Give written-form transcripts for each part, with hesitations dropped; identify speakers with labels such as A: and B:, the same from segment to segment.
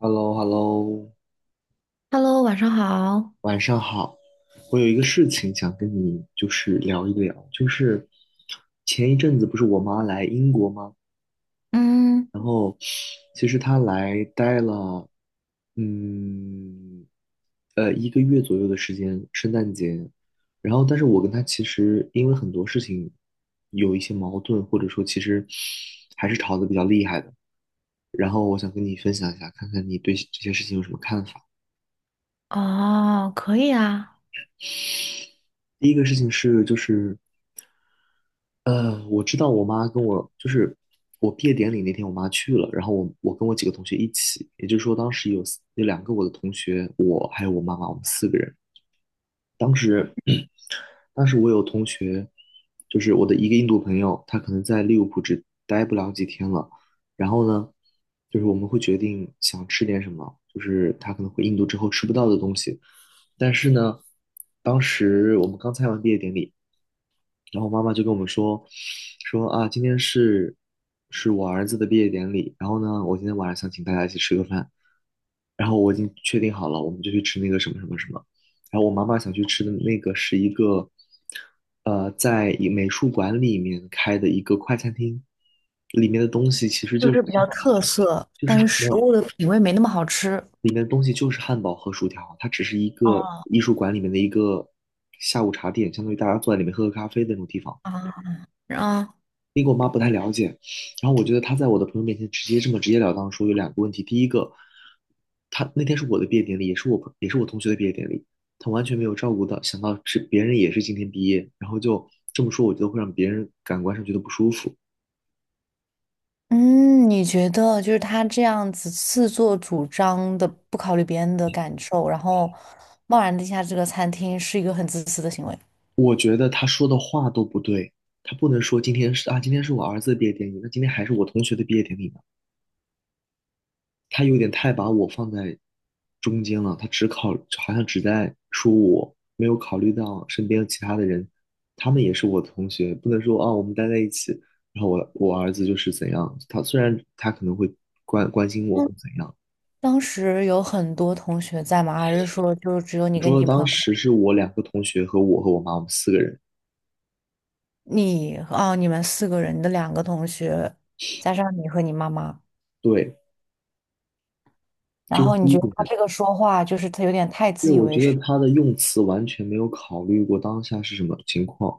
A: h e l l o h e l l o
B: Hello，晚上好。
A: 晚上好。我有一个事情想跟你就是聊一聊，就是前一阵子不是我妈来英国吗？
B: 嗯，
A: 然后其实她来待了，嗯，一个月左右的时间，圣诞节。然后，但是我跟她其实因为很多事情有一些矛盾，或者说其实还是吵得比较厉害的。然后我想跟你分享一下，看看你对这些事情有什么看法。
B: 哦，可以啊。
A: 第一个事情是，就是。我知道我妈跟我就是我毕业典礼那天，我妈去了，然后我跟我几个同学一起，也就是说当时有两个我的同学，我还有我妈妈，我们四个人。当时 当时我有同学，就是我的一个印度朋友，他可能在利物浦只待不了几天了，然后呢，就是我们会决定想吃点什么，就是他可能回印度之后吃不到的东西，但是呢，当时我们刚参加完毕业典礼。然后妈妈就跟我们说，说啊，今天是我儿子的毕业典礼，然后呢，我今天晚上想请大家一起吃个饭，然后我已经确定好了，我们就去吃那个什么什么什么，然后我妈妈想去吃的那个是一个，在一美术馆里面开的一个快餐厅，里面的东西其实
B: 就
A: 就是
B: 是比较特色，
A: 就是
B: 但是
A: 没
B: 食物
A: 有，
B: 的品味没那么好吃。
A: 里面的东西就是汉堡和薯条，它只是一个
B: 哦，
A: 艺术馆里面的一个下午茶店，相当于大家坐在里面喝喝咖啡的那种地方。
B: 啊，啊，
A: 然后我觉得他在我的朋友面前直接这么直截了当地说有两个问题，第一个，他那天是我的毕业典礼，也是也是我同学的毕业典礼，他完全没有照顾到，想到是别人也是今天毕业，然后就这么说，我觉得会让别人感官上觉得不舒服。
B: 嗯，你觉得就是他这样子自作主张的，不考虑别人的感受，然后贸然地下这个餐厅，是一个很自私的行为。
A: 我觉得他说的话都不对，他不能说今天是啊，今天是我儿子的毕业典礼，那今天还是我同学的毕业典礼吗？他有点太把我放在中间了，他只考，好像只在说我，没有考虑到身边其他的人，他们也是我的同学，不能说啊，我们待在一起，然后我儿子就是怎样，他虽然他可能会关心我或
B: 嗯，
A: 怎样，
B: 当时有很多同学在吗？还是说就只有你
A: 我
B: 跟
A: 说
B: 你
A: 的
B: 朋
A: 当
B: 友，
A: 时是我两个同学和我和我妈，我们四个人，
B: 哦，你们四个人，你的两个同学，加上你和你妈妈？
A: 对，
B: 然
A: 这是
B: 后你
A: 第一
B: 觉得他
A: 点，
B: 这个说话就是他有点太
A: 对，
B: 自以
A: 我
B: 为
A: 觉得
B: 是。
A: 他的用词完全没有考虑过当下是什么情况。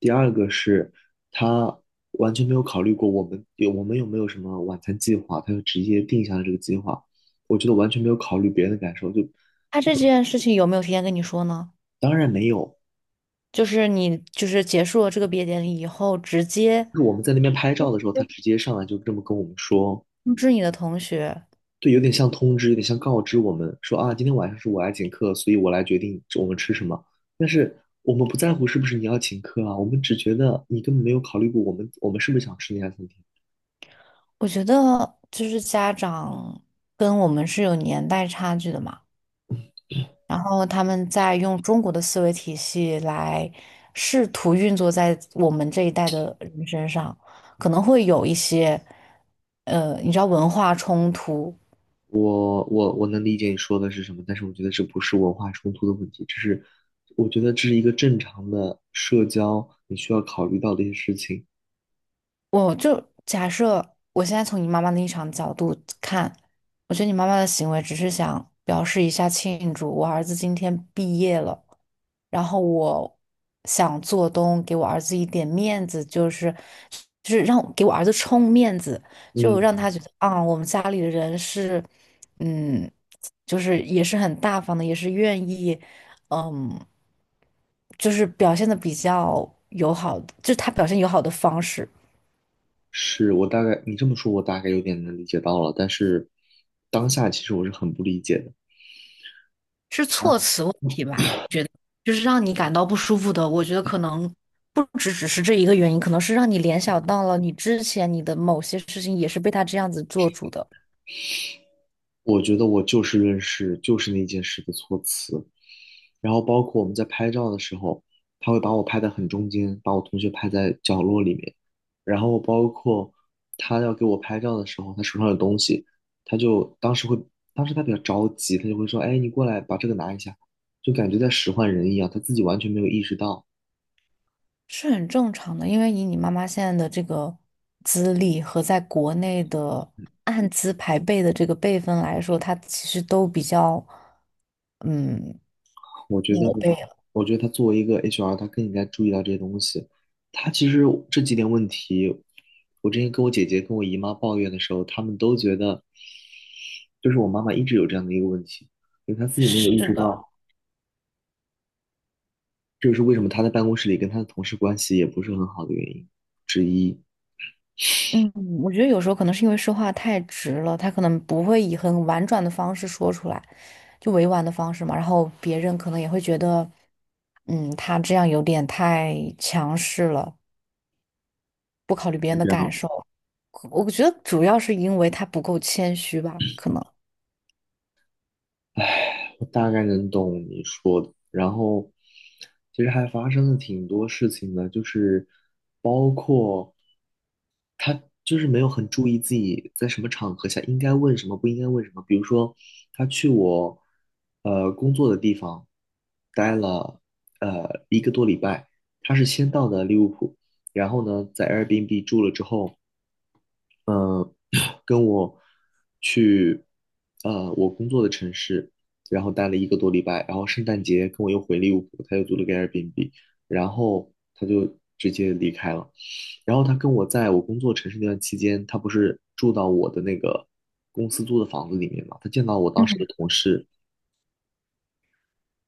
A: 第二个是他完全没有考虑过我们有没有什么晚餐计划，他就直接定下了这个计划。我觉得完全没有考虑别人的感受，就
B: 他
A: 这
B: 这
A: 个
B: 件事情有没有提前跟你说呢？
A: 当然没有。
B: 就是你就是结束了这个毕业典礼以后，直接
A: 就是我们在那边拍照的时候，他直接上来就这么跟我们说，
B: 通知你的同学。
A: 对，有点像通知，有点像告知我们说啊，今天晚上是我来请客，所以我来决定我们吃什么。但是我们不在乎是不是你要请客啊，我们只觉得你根本没有考虑过我们是不是想吃那家餐厅。
B: 我觉得就是家长跟我们是有年代差距的嘛，然后他们在用中国的思维体系来试图运作在我们这一代的人身上，可能会有一些你知道文化冲突。
A: 我能理解你说的是什么，但是我觉得这不是文化冲突的问题，这是我觉得这是一个正常的社交你需要考虑到的一些事情。
B: 我就假设我现在从你妈妈的立场角度看，我觉得你妈妈的行为只是想表示一下庆祝，我儿子今天毕业了，然后我想做东给我儿子一点面子，就是让给我儿子充面子，就让
A: 嗯，
B: 他觉得啊，我们家里的人是，嗯，就是也是很大方的，也是愿意，嗯，就是表现的比较友好，就是他表现友好的方式
A: 是我大概你这么说，我大概有点能理解到了，但是当下其实我是很不理解的。
B: 是措
A: 啊，
B: 辞问题吧。就是让你感到不舒服的，我觉得可能不只只是这一个原因，可能是让你联想到了你之前你的某些事情也是被他这样子做主的，
A: 我觉得我就事论事，就是那件事的措辞，然后包括我们在拍照的时候，他会把我拍得很中间，把我同学拍在角落里面。然后包括他要给我拍照的时候，他手上有东西，他就当时会，当时他比较着急，他就会说：“哎，你过来把这个拿一下。”就感觉在使唤人一样，他自己完全没有意识到。
B: 是很正常的。因为以你妈妈现在的这个资历和在国内的按资排辈的这个辈分来说，她其实都比较嗯
A: 我觉得，
B: 老辈了。
A: 我觉得他作为一个 HR，他更应该注意到这些东西。他其实这几点问题，我之前跟我姐姐、跟我姨妈抱怨的时候，他们都觉得就是我妈妈一直有这样的一个问题，就是她自己没有意
B: 是
A: 识
B: 的，
A: 到，这就是为什么她在办公室里跟她的同事关系也不是很好的原因之一。
B: 嗯，我觉得有时候可能是因为说话太直了，他可能不会以很婉转的方式说出来，就委婉的方式嘛。然后别人可能也会觉得，他这样有点太强势了，不考虑别人
A: 是
B: 的
A: 这
B: 感
A: 样。
B: 受。我觉得主要是因为他不够谦虚吧，可能。
A: 我大概能懂你说的。然后，其实还发生了挺多事情的，就是包括他就是没有很注意自己在什么场合下应该问什么，不应该问什么。比如说，他去我工作的地方待了一个多礼拜，他是先到的利物浦，然后呢在 Airbnb 住了之后，呃，跟我去我工作的城市，然后待了一个多礼拜，然后圣诞节跟我又回利物浦，他又租了个 Airbnb，然后他就直接离开了。然后他跟我在我工作城市那段期间，他不是住到我的那个公司租的房子里面嘛，他见到我当
B: 嗯
A: 时的同事，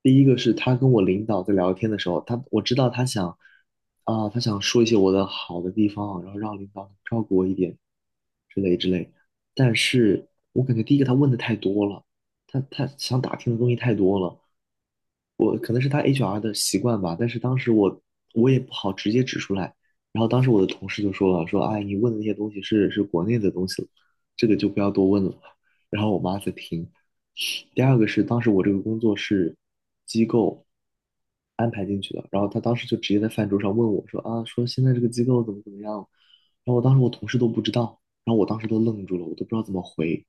A: 第一个是他跟我领导在聊天的时候，我知道他想说一些我的好的地方，然后让领导照顾我一点之类之类。但是我感觉第一个他问的太多了，他想打听的东西太多了，我可能是他 HR 的习惯吧。但是当时我也不好直接指出来，然后当时我的同事就说了，说哎，你问的那些东西是国内的东西了这个就不要多问了。然后我妈在听，第二个是当时我这个工作是机构安排进去的，然后他当时就直接在饭桌上问我说啊，说现在这个机构怎么怎么样，然后我当时我同事都不知道，然后我当时都愣住了，我都不知道怎么回，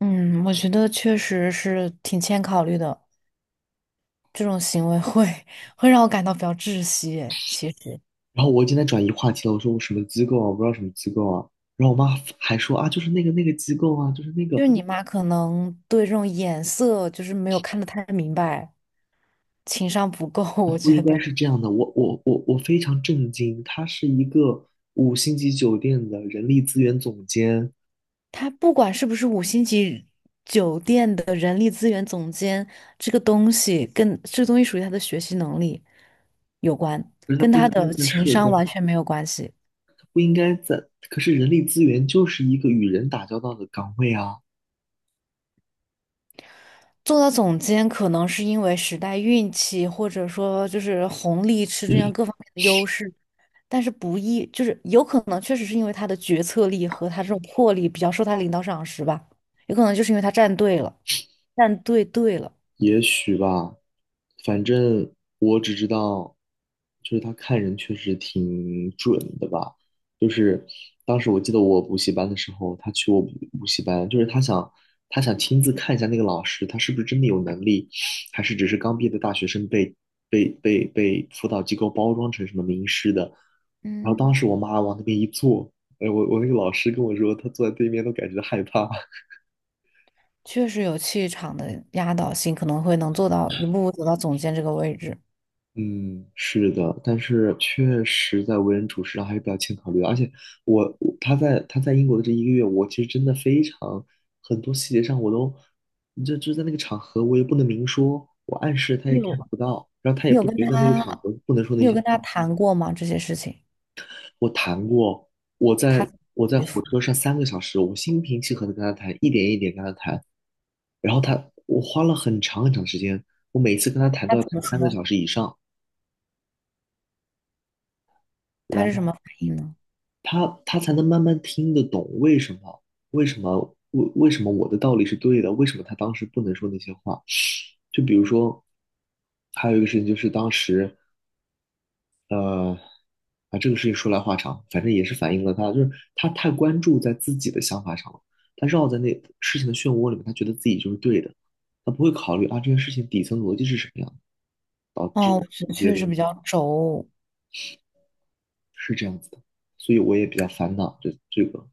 B: 嗯，我觉得确实是挺欠考虑的，这种行为会会让我感到比较窒息诶。其实，
A: 然后我今天转移话题了，我说我什么机构啊，我不知道什么机构啊，然后我妈还说啊，就是那个机构啊，就是那
B: 就
A: 个
B: 是你妈可能对这种眼色就是没有看得太明白。情商不够，我
A: 不
B: 觉
A: 应该
B: 得
A: 是这样的，我我非常震惊，他是一个五星级酒店的人力资源总监，
B: 他不管是不是五星级酒店的人力资源总监，这个东西跟这个东西属于他的学习能力有关，
A: 可是他
B: 跟
A: 不
B: 他
A: 应该
B: 的
A: 在
B: 情
A: 社
B: 商
A: 招。
B: 完全没有关系。
A: 不应该在，可是人力资源就是一个与人打交道的岗位啊，
B: 做到总监可能是因为时代运气，或者说就是红利吃这样各方面的优势，但是不易，就是有可能确实是因为他的决策力和他这种魄力比较受他领导赏识吧，有可能就是因为他站队了，站队对了，
A: 也许吧，反正我只知道，就是他看人确实挺准的吧。就是当时我记得我补习班的时候，他去我补习班，就是他想亲自看一下那个老师，他是不是真的有能力，还是只是刚毕业的大学生被辅导机构包装成什么名师的。然后
B: 嗯。
A: 当时我妈往那边一坐，哎，我那个老师跟我说，他坐在对面都感觉害怕。
B: 确实有气场的压倒性，可能会能做到一步步走到总监这个位置。
A: 嗯，是的，但是确实在为人处事上还是比较欠考虑的而且他在英国的这一个月，我其实真的非常很多细节上我都，就在那个场合我也不能明说，我暗示他
B: 你
A: 也看
B: 有
A: 不到，然后他也
B: 你有
A: 不
B: 跟
A: 觉得那个场
B: 他，
A: 合不能说
B: 你
A: 那
B: 有
A: 些
B: 跟他
A: 话。
B: 谈过吗？这些事情，
A: 我谈过，
B: 他
A: 我在
B: 回复
A: 火车上三个小时，我心平气和的跟他谈，一点一点跟他谈，然后我花了很长很长时间，我每次跟他谈
B: 他
A: 都要
B: 怎
A: 谈
B: 么
A: 三个
B: 说？
A: 小时以上。
B: 他
A: 然
B: 是什
A: 后。
B: 么反应呢？
A: 他才能慢慢听得懂为什么为什么我的道理是对的，为什么他当时不能说那些话。就比如说，还有一个事情就是当时呃这个事情说来话长，反正也是反映了他就是他太关注在自己的想法上了，他绕在那事情的漩涡里面，他觉得自己就是对的，他不会考虑啊这件事情底层逻辑是什么样的导致
B: 哦，我觉
A: 一
B: 得
A: 些
B: 确
A: 东
B: 实
A: 西
B: 比较轴。
A: 是这样子的，所以我也比较烦恼这个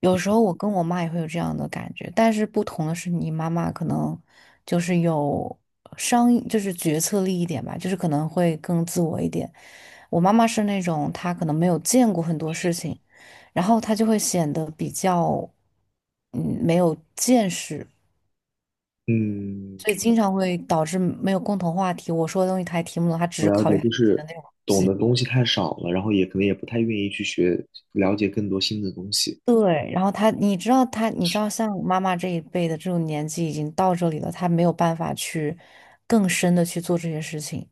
B: 有时候我跟我妈也会有这样的感觉，但是不同的是，你妈妈可能就是有商，就是决策力一点吧，就是可能会更自我一点。我妈妈是那种她可能没有见过很多事情，然后她就会显得比较，嗯，没有见识，
A: 嗯。
B: 所以经常会导致没有共同话题。我说的东西她也听不懂，她只
A: 我
B: 是
A: 了
B: 考虑
A: 解，
B: 她
A: 就
B: 自己的
A: 是
B: 那种东
A: 懂
B: 西。
A: 的东西太少了，然后也可能也不太愿意去学，了解更多新的东西。
B: 对，然后她，你知道她，你知道像妈妈这一辈的这种年纪已经到这里了，她没有办法去更深的去做这些事情。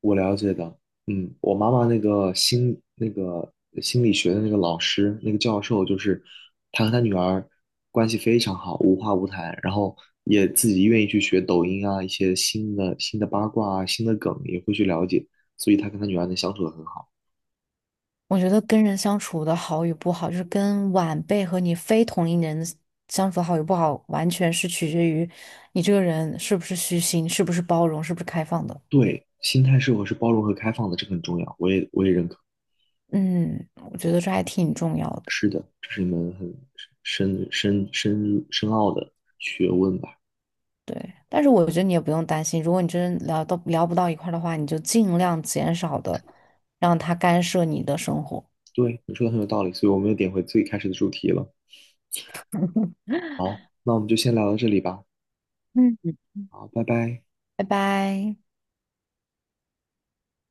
A: 我了解的，嗯，我妈妈那个心理学的那个老师那个教授，就是他和他女儿关系非常好，无话不谈，然后也自己愿意去学抖音啊，一些新的八卦啊，新的梗也会去了解，所以他跟他女儿能相处的很好。
B: 我觉得跟人相处的好与不好，就是跟晚辈和你非同龄人相处的好与不好，完全是取决于你这个人是不是虚心，是不是包容，是不是开放的。
A: 对，心态是否是包容和开放的，这个很重要，我也认可。
B: 嗯，我觉得这还挺重要的。
A: 是的，这是一门很深奥的学问吧？
B: 对，但是我觉得你也不用担心，如果你真聊不到一块儿的话，你就尽量减少的让他干涉你的生活。
A: 对，你说的很有道理，所以我们又点回最开始的主题了。好，那我们就先聊到这里吧。
B: 嗯，
A: 好，拜拜。
B: 拜拜。